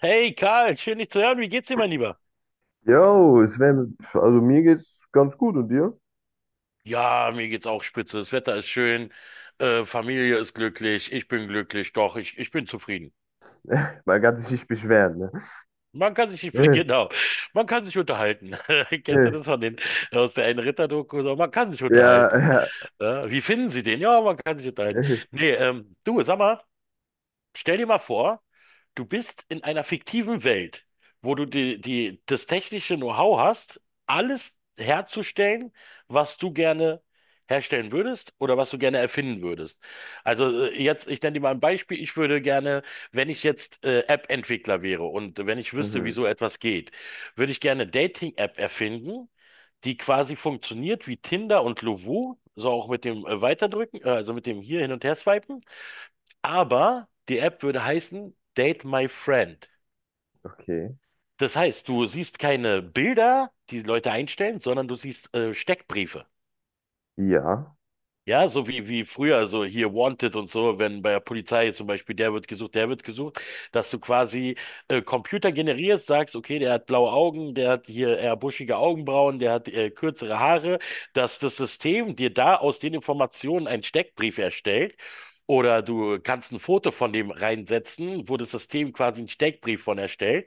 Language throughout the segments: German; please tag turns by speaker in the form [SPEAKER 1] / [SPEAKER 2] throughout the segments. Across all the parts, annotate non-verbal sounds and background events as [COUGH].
[SPEAKER 1] Hey Karl, schön dich zu hören. Wie geht's dir, mein Lieber?
[SPEAKER 2] Yo, Sven, also mir geht's ganz gut und dir?
[SPEAKER 1] Ja, mir geht's auch spitze. Das Wetter ist schön, Familie ist glücklich, ich bin glücklich, doch, ich bin zufrieden.
[SPEAKER 2] [LAUGHS] Man kann sich nicht beschweren,
[SPEAKER 1] Man kann sich, [LAUGHS]
[SPEAKER 2] ne?
[SPEAKER 1] genau, man kann sich unterhalten. [LAUGHS] Kennst du das
[SPEAKER 2] [LAUGHS]
[SPEAKER 1] von den, aus der einen Ritter-Doku? So, man kann sich
[SPEAKER 2] Ja,
[SPEAKER 1] unterhalten.
[SPEAKER 2] ja.
[SPEAKER 1] Ja, wie finden Sie den? Ja, man kann sich unterhalten.
[SPEAKER 2] [LAUGHS]
[SPEAKER 1] Nee, du, sag mal, stell dir mal vor, du bist in einer fiktiven Welt, wo du das technische Know-how hast, alles herzustellen, was du gerne herstellen würdest oder was du gerne erfinden würdest. Also jetzt, ich nenne dir mal ein Beispiel. Ich würde gerne, wenn ich jetzt App-Entwickler wäre und wenn ich wüsste, wie
[SPEAKER 2] Mhm,
[SPEAKER 1] so etwas geht, würde ich gerne eine Dating-App erfinden, die quasi funktioniert wie Tinder und Lovoo, so auch mit dem Weiterdrücken, also mit dem hier hin und her swipen. Aber die App würde heißen Date My Friend.
[SPEAKER 2] okay.
[SPEAKER 1] Das heißt, du siehst keine Bilder, die Leute einstellen, sondern du siehst Steckbriefe.
[SPEAKER 2] Ja.
[SPEAKER 1] Ja, so wie früher, also hier Wanted und so, wenn bei der Polizei zum Beispiel der wird gesucht, dass du quasi Computer generierst, sagst, okay, der hat blaue Augen, der hat hier eher buschige Augenbrauen, der hat kürzere Haare, dass das System dir da aus den Informationen einen Steckbrief erstellt. Oder du kannst ein Foto von dem reinsetzen, wo das System quasi einen Steckbrief von erstellt.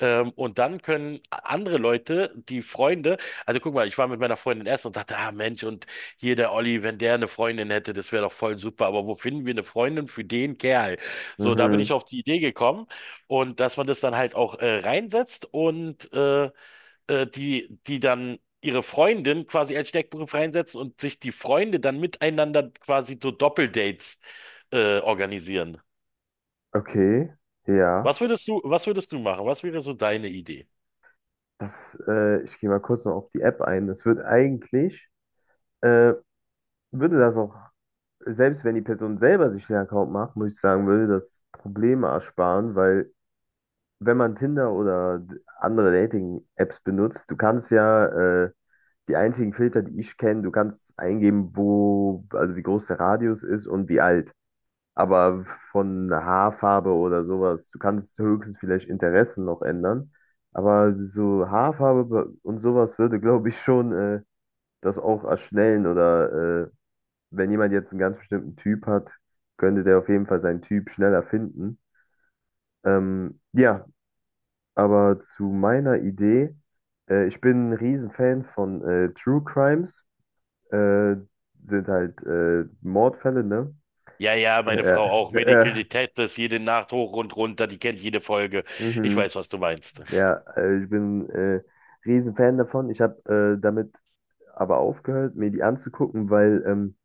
[SPEAKER 1] Und dann können andere Leute, die Freunde, also guck mal, ich war mit meiner Freundin essen und dachte, ah Mensch, und hier der Olli, wenn der eine Freundin hätte, das wäre doch voll super, aber wo finden wir eine Freundin für den Kerl? So, da bin ich
[SPEAKER 2] Mhm,
[SPEAKER 1] auf die Idee gekommen und dass man das dann halt auch reinsetzt und die dann ihre Freundin quasi als Steckbrief reinsetzen und sich die Freunde dann miteinander quasi so Doppeldates organisieren.
[SPEAKER 2] okay. Ja.
[SPEAKER 1] Was würdest du machen? Was wäre so deine Idee?
[SPEAKER 2] Das, ich gehe mal kurz noch auf die App ein. Das wird äh, würde das auch, selbst wenn die Person selber sich den Account macht, muss ich sagen, würde das Probleme ersparen, weil wenn man Tinder oder andere Dating-Apps benutzt, du kannst ja, äh, Die einzigen Filter, die ich kenne, du kannst eingeben, wo, also wie groß der Radius ist und wie alt. Aber von Haarfarbe oder sowas, du kannst höchstens vielleicht Interessen noch ändern. Aber so Haarfarbe und sowas würde, glaube ich, schon das auch erschnellen. Oder wenn jemand jetzt einen ganz bestimmten Typ hat, könnte der auf jeden Fall seinen Typ schneller finden. Ja, aber zu meiner Idee, ich bin ein Riesenfan von True Crimes. äh, Sind halt Mordfälle, ne?
[SPEAKER 1] Ja, ja, meine
[SPEAKER 2] Ja,
[SPEAKER 1] Frau auch.
[SPEAKER 2] ja,
[SPEAKER 1] Medical
[SPEAKER 2] ja.
[SPEAKER 1] Detectives, jede Nacht hoch und runter, die kennt jede Folge. Ich
[SPEAKER 2] Mhm.
[SPEAKER 1] weiß, was du meinst.
[SPEAKER 2] Ja, ich bin Riesenfan davon. Ich habe damit aber aufgehört, mir die anzugucken, weil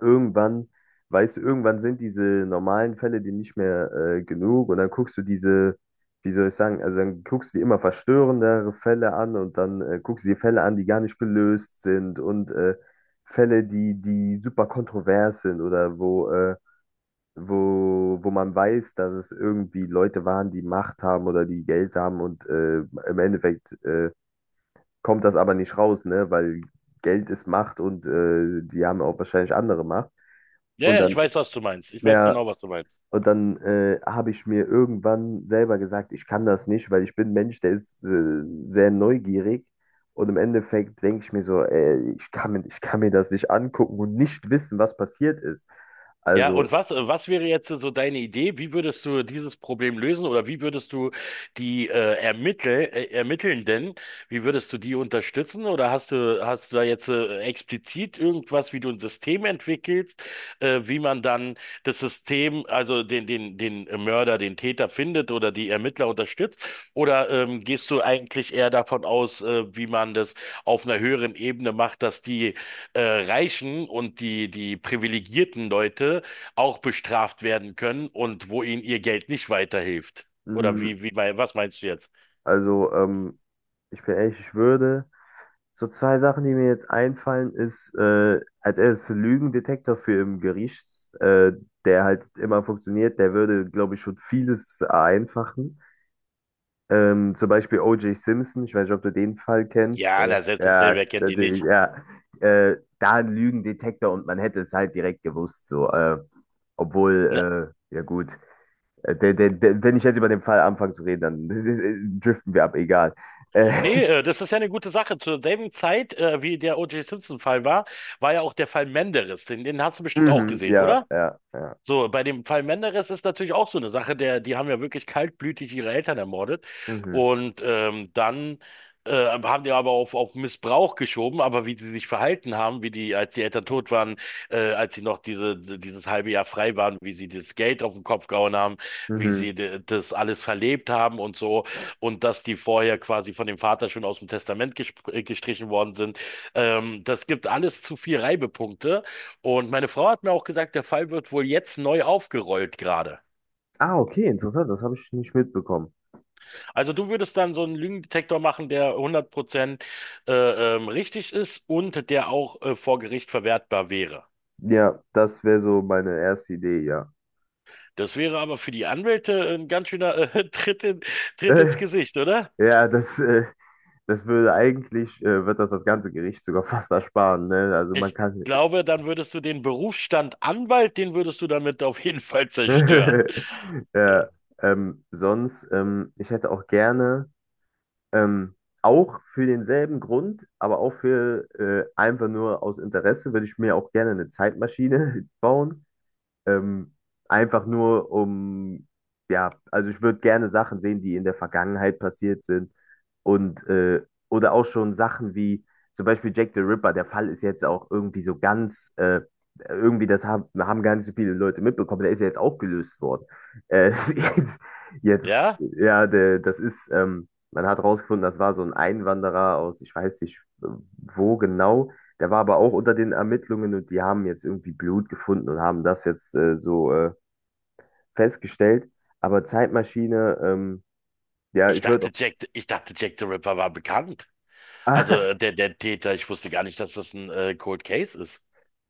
[SPEAKER 2] irgendwann, weißt du, irgendwann sind diese normalen Fälle dir nicht mehr genug, und dann guckst du diese, wie soll ich sagen, also dann guckst du dir immer verstörendere Fälle an, und dann guckst du dir Fälle an, die gar nicht gelöst sind, und Fälle, die super kontrovers sind, oder wo wo man weiß, dass es irgendwie Leute waren, die Macht haben oder die Geld haben, und im Endeffekt kommt das aber nicht raus, ne? Weil Geld ist Macht, und die haben auch wahrscheinlich andere Macht.
[SPEAKER 1] Ja,
[SPEAKER 2] Und
[SPEAKER 1] ja, ich
[SPEAKER 2] dann,
[SPEAKER 1] weiß, was du meinst. Ich weiß
[SPEAKER 2] ja,
[SPEAKER 1] genau, was du meinst.
[SPEAKER 2] und dann habe ich mir irgendwann selber gesagt, ich kann das nicht, weil ich bin ein Mensch, der ist sehr neugierig. Und im Endeffekt denke ich mir so, ey, ich kann mir das nicht angucken und nicht wissen, was passiert ist.
[SPEAKER 1] Ja,
[SPEAKER 2] Also,
[SPEAKER 1] und was, was wäre jetzt so deine Idee? Wie würdest du dieses Problem lösen oder wie würdest du die Ermittelnden, wie würdest du die unterstützen? Oder hast du da jetzt explizit irgendwas, wie du ein System entwickelst, wie man dann das System, also den Mörder, den Täter findet oder die Ermittler unterstützt? Oder gehst du eigentlich eher davon aus, wie man das auf einer höheren Ebene macht, dass die Reichen und die privilegierten Leute auch bestraft werden können und wo ihnen ihr Geld nicht weiterhilft. Oder
[SPEAKER 2] mm,
[SPEAKER 1] was meinst du jetzt?
[SPEAKER 2] also, ich bin ehrlich, ich würde. So zwei Sachen, die mir jetzt einfallen, ist als erstes Lügendetektor für im Gericht, äh, der halt immer funktioniert, der würde, glaube ich, schon vieles vereinfachen. Zum Beispiel O.J. Simpson, ich weiß nicht, ob du den Fall kennst.
[SPEAKER 1] Ja, na, selbstverständlich,
[SPEAKER 2] Ja,
[SPEAKER 1] wer kennt die
[SPEAKER 2] natürlich,
[SPEAKER 1] nicht?
[SPEAKER 2] ja. Da ein Lügendetektor, und man hätte es halt direkt gewusst, so.
[SPEAKER 1] Ne,
[SPEAKER 2] Obwohl, ja gut, der, wenn ich jetzt über den Fall anfange zu reden, dann [LAUGHS] driften wir ab, egal. Äh,
[SPEAKER 1] nee, das ist ja eine gute Sache. Zur selben Zeit, wie der O.J. Simpson-Fall war, war ja auch der Fall Menderes. Den hast du bestimmt auch
[SPEAKER 2] Mhm,
[SPEAKER 1] gesehen,
[SPEAKER 2] ja,
[SPEAKER 1] oder?
[SPEAKER 2] ja, ja.
[SPEAKER 1] So, bei dem Fall Menderes ist natürlich auch so eine Sache, der, die haben ja wirklich kaltblütig ihre Eltern ermordet
[SPEAKER 2] Mhm,
[SPEAKER 1] und dann haben die aber auf Missbrauch geschoben, aber wie sie sich verhalten haben, wie die, als die Eltern tot waren, als sie noch diese, dieses halbe Jahr frei waren, wie sie das Geld auf den Kopf gehauen haben, wie
[SPEAKER 2] mhm.
[SPEAKER 1] sie das alles verlebt haben und so und dass die vorher quasi von dem Vater schon aus dem Testament gestrichen worden sind, das gibt alles zu viel Reibepunkte und meine Frau hat mir auch gesagt, der Fall wird wohl jetzt neu aufgerollt gerade.
[SPEAKER 2] Ah, okay, interessant, das habe ich nicht mitbekommen.
[SPEAKER 1] Also du würdest dann so einen Lügendetektor machen, der 100% richtig ist und der auch vor Gericht verwertbar wäre.
[SPEAKER 2] Ja, das wäre so meine erste Idee, ja.
[SPEAKER 1] Das wäre aber für die Anwälte ein ganz schöner [LAUGHS] Tritt in,
[SPEAKER 2] [LAUGHS]
[SPEAKER 1] Tritt ins Gesicht, oder?
[SPEAKER 2] Ja, das würde wird das das ganze Gericht sogar [LAUGHS] fast ersparen, ne? Also man
[SPEAKER 1] Ich
[SPEAKER 2] kann.
[SPEAKER 1] glaube, dann würdest du den Berufsstand Anwalt, den würdest du damit auf jeden [LAUGHS] Fall zerstören.
[SPEAKER 2] [LAUGHS]
[SPEAKER 1] Äh,
[SPEAKER 2] Ja, sonst, ich hätte auch gerne, ähm, auch für denselben Grund, aber auch für einfach nur aus Interesse, würde ich mir auch gerne eine Zeitmaschine [LAUGHS] bauen. Ähm, Einfach nur um, ja, also ich würde gerne Sachen sehen, die in der Vergangenheit passiert sind, und oder auch schon Sachen wie zum Beispiel Jack the Ripper. Der Fall ist jetzt auch irgendwie so ganz, irgendwie das haben gar nicht so viele Leute mitbekommen. Der ist ja jetzt auch gelöst worden. Äh, [LAUGHS] jetzt, jetzt,
[SPEAKER 1] Ja?
[SPEAKER 2] ja, das ist, man hat rausgefunden, das war so ein Einwanderer aus, ich weiß nicht wo genau, der war aber auch unter den Ermittlungen, und die haben jetzt irgendwie Blut gefunden und haben das jetzt so festgestellt. Aber Zeitmaschine, ja, ich würde auch. [LAUGHS]
[SPEAKER 1] Ich dachte, Jack the Ripper war bekannt. Also
[SPEAKER 2] Ah,
[SPEAKER 1] der, der Täter, ich wusste gar nicht, dass das ein Cold Case ist.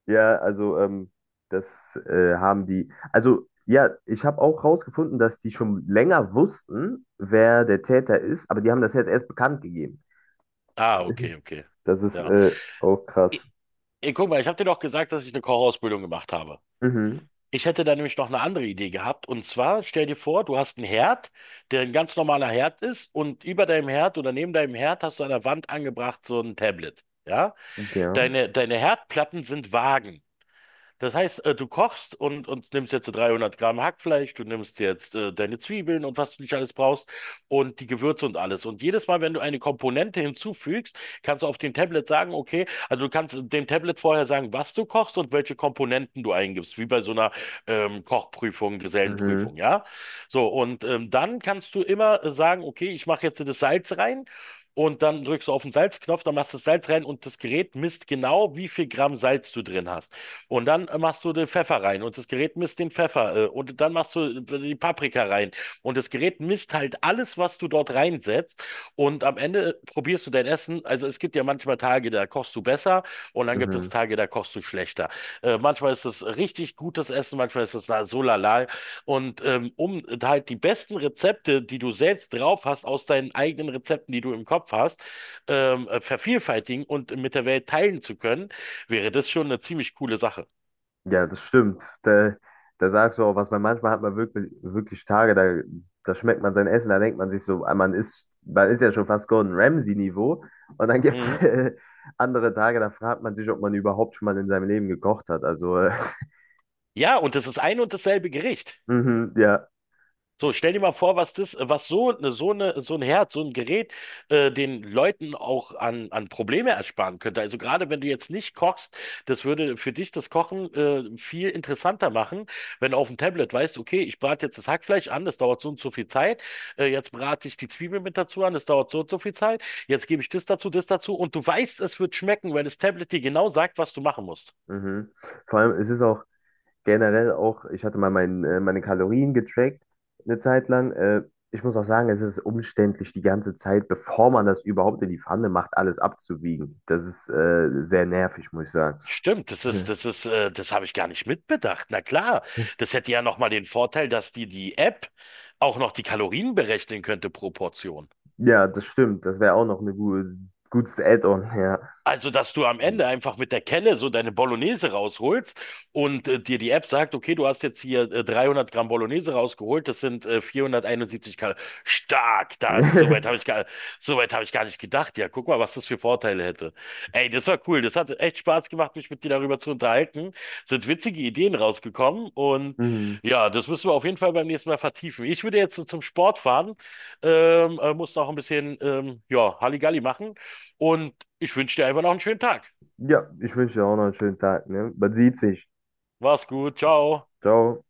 [SPEAKER 2] ja, also das haben die. Also ja, ich habe auch rausgefunden, dass die schon länger wussten, wer der Täter ist, aber die haben das jetzt erst bekannt gegeben.
[SPEAKER 1] Ah,
[SPEAKER 2] [LAUGHS]
[SPEAKER 1] okay, okay.
[SPEAKER 2] Das ist
[SPEAKER 1] Ja.
[SPEAKER 2] auch krass.
[SPEAKER 1] I- Ey, guck mal, ich habe dir doch gesagt, dass ich eine Kochausbildung gemacht habe.
[SPEAKER 2] Mhm.
[SPEAKER 1] Ich hätte da nämlich noch eine andere Idee gehabt. Und zwar, stell dir vor, du hast einen Herd, der ein ganz normaler Herd ist, und über deinem Herd oder neben deinem Herd hast du an der Wand angebracht so ein Tablet. Ja?
[SPEAKER 2] Ja.
[SPEAKER 1] Deine Herdplatten sind Waagen. Das heißt, du kochst und nimmst jetzt so 300 Gramm Hackfleisch, du nimmst jetzt deine Zwiebeln und was du nicht alles brauchst und die Gewürze und alles. Und jedes Mal, wenn du eine Komponente hinzufügst, kannst du auf dem Tablet sagen, okay, also du kannst dem Tablet vorher sagen, was du kochst und welche Komponenten du eingibst, wie bei so einer Kochprüfung, Gesellenprüfung,
[SPEAKER 2] Mhm.
[SPEAKER 1] ja? So, und dann kannst du immer sagen, okay, ich mache jetzt das Salz rein. Und dann drückst du auf den Salzknopf, dann machst du das Salz rein und das Gerät misst genau, wie viel Gramm Salz du drin hast. Und dann machst du den Pfeffer rein und das Gerät misst den Pfeffer und dann machst du die Paprika rein und das Gerät misst halt alles, was du dort reinsetzt und am Ende probierst du dein Essen. Also es gibt ja manchmal Tage, da kochst du besser und dann gibt es
[SPEAKER 2] Mhm.
[SPEAKER 1] Tage, da kochst du schlechter. Manchmal ist es richtig gutes Essen, manchmal ist es da so lala und um halt die besten Rezepte, die du selbst drauf hast, aus deinen eigenen Rezepten, die du im Kopf hast, vervielfältigen und mit der Welt teilen zu können, wäre das schon eine ziemlich coole Sache.
[SPEAKER 2] Ja, das stimmt. Da, da sagst du auch was, weil manchmal hat man wirklich, wirklich Tage, da, da schmeckt man sein Essen, da denkt man sich so, ah, man ist ja schon fast Gordon Ramsay-Niveau. Und dann gibt es
[SPEAKER 1] Mhm.
[SPEAKER 2] [LAUGHS] andere Tage, da fragt man sich, ob man überhaupt schon mal in seinem Leben gekocht hat. Also,
[SPEAKER 1] Ja, und das ist ein und dasselbe Gericht.
[SPEAKER 2] [LAUGHS] mhm, ja.
[SPEAKER 1] So, stell dir mal vor, was das, was so eine, so ein Herd, so ein Gerät, den Leuten auch an Probleme ersparen könnte. Also gerade wenn du jetzt nicht kochst, das würde für dich das Kochen, viel interessanter machen, wenn du auf dem Tablet weißt, okay, ich brate jetzt das Hackfleisch an, das dauert so und so viel Zeit. Jetzt brate ich die Zwiebel mit dazu an, das dauert so und so viel Zeit. Jetzt gebe ich das dazu und du weißt, es wird schmecken, weil das Tablet dir genau sagt, was du machen musst.
[SPEAKER 2] Mhm. Vor allem, es ist auch. Generell auch, ich hatte mal meine Kalorien getrackt eine Zeit lang. Ich muss auch sagen, es ist umständlich, die ganze Zeit, bevor man das überhaupt in die Pfanne macht, alles abzuwiegen. Das ist sehr nervig, muss ich sagen.
[SPEAKER 1] Stimmt,
[SPEAKER 2] Hm.
[SPEAKER 1] das habe ich gar nicht mitbedacht. Na klar, das hätte ja nochmal den Vorteil, dass dir die App auch noch die Kalorien berechnen könnte pro Portion.
[SPEAKER 2] Ja, das stimmt. Das wäre auch noch ein gu gutes Add-on, ja.
[SPEAKER 1] Also, dass du am Ende einfach mit der Kelle so deine Bolognese rausholst und dir die App sagt, okay, du hast jetzt hier 300 Gramm Bolognese rausgeholt, das sind 471 Kalorien. Stark, da, soweit habe ich
[SPEAKER 2] [LAUGHS]
[SPEAKER 1] gar, soweit habe ich gar nicht gedacht. Ja, guck mal, was das für Vorteile hätte. Ey, das war cool. Das hat echt Spaß gemacht, mich mit dir darüber zu unterhalten. Sind witzige Ideen rausgekommen und
[SPEAKER 2] Mhm.
[SPEAKER 1] ja, das müssen wir auf jeden Fall beim nächsten Mal vertiefen. Ich würde jetzt so zum Sport fahren, muss noch ein bisschen, ja, Halligalli machen. Und ich wünsche dir einfach noch einen schönen Tag.
[SPEAKER 2] Ja, ich wünsche dir auch noch einen schönen Tag, ne? Man sieht sich.
[SPEAKER 1] Mach's gut, ciao.
[SPEAKER 2] Ciao.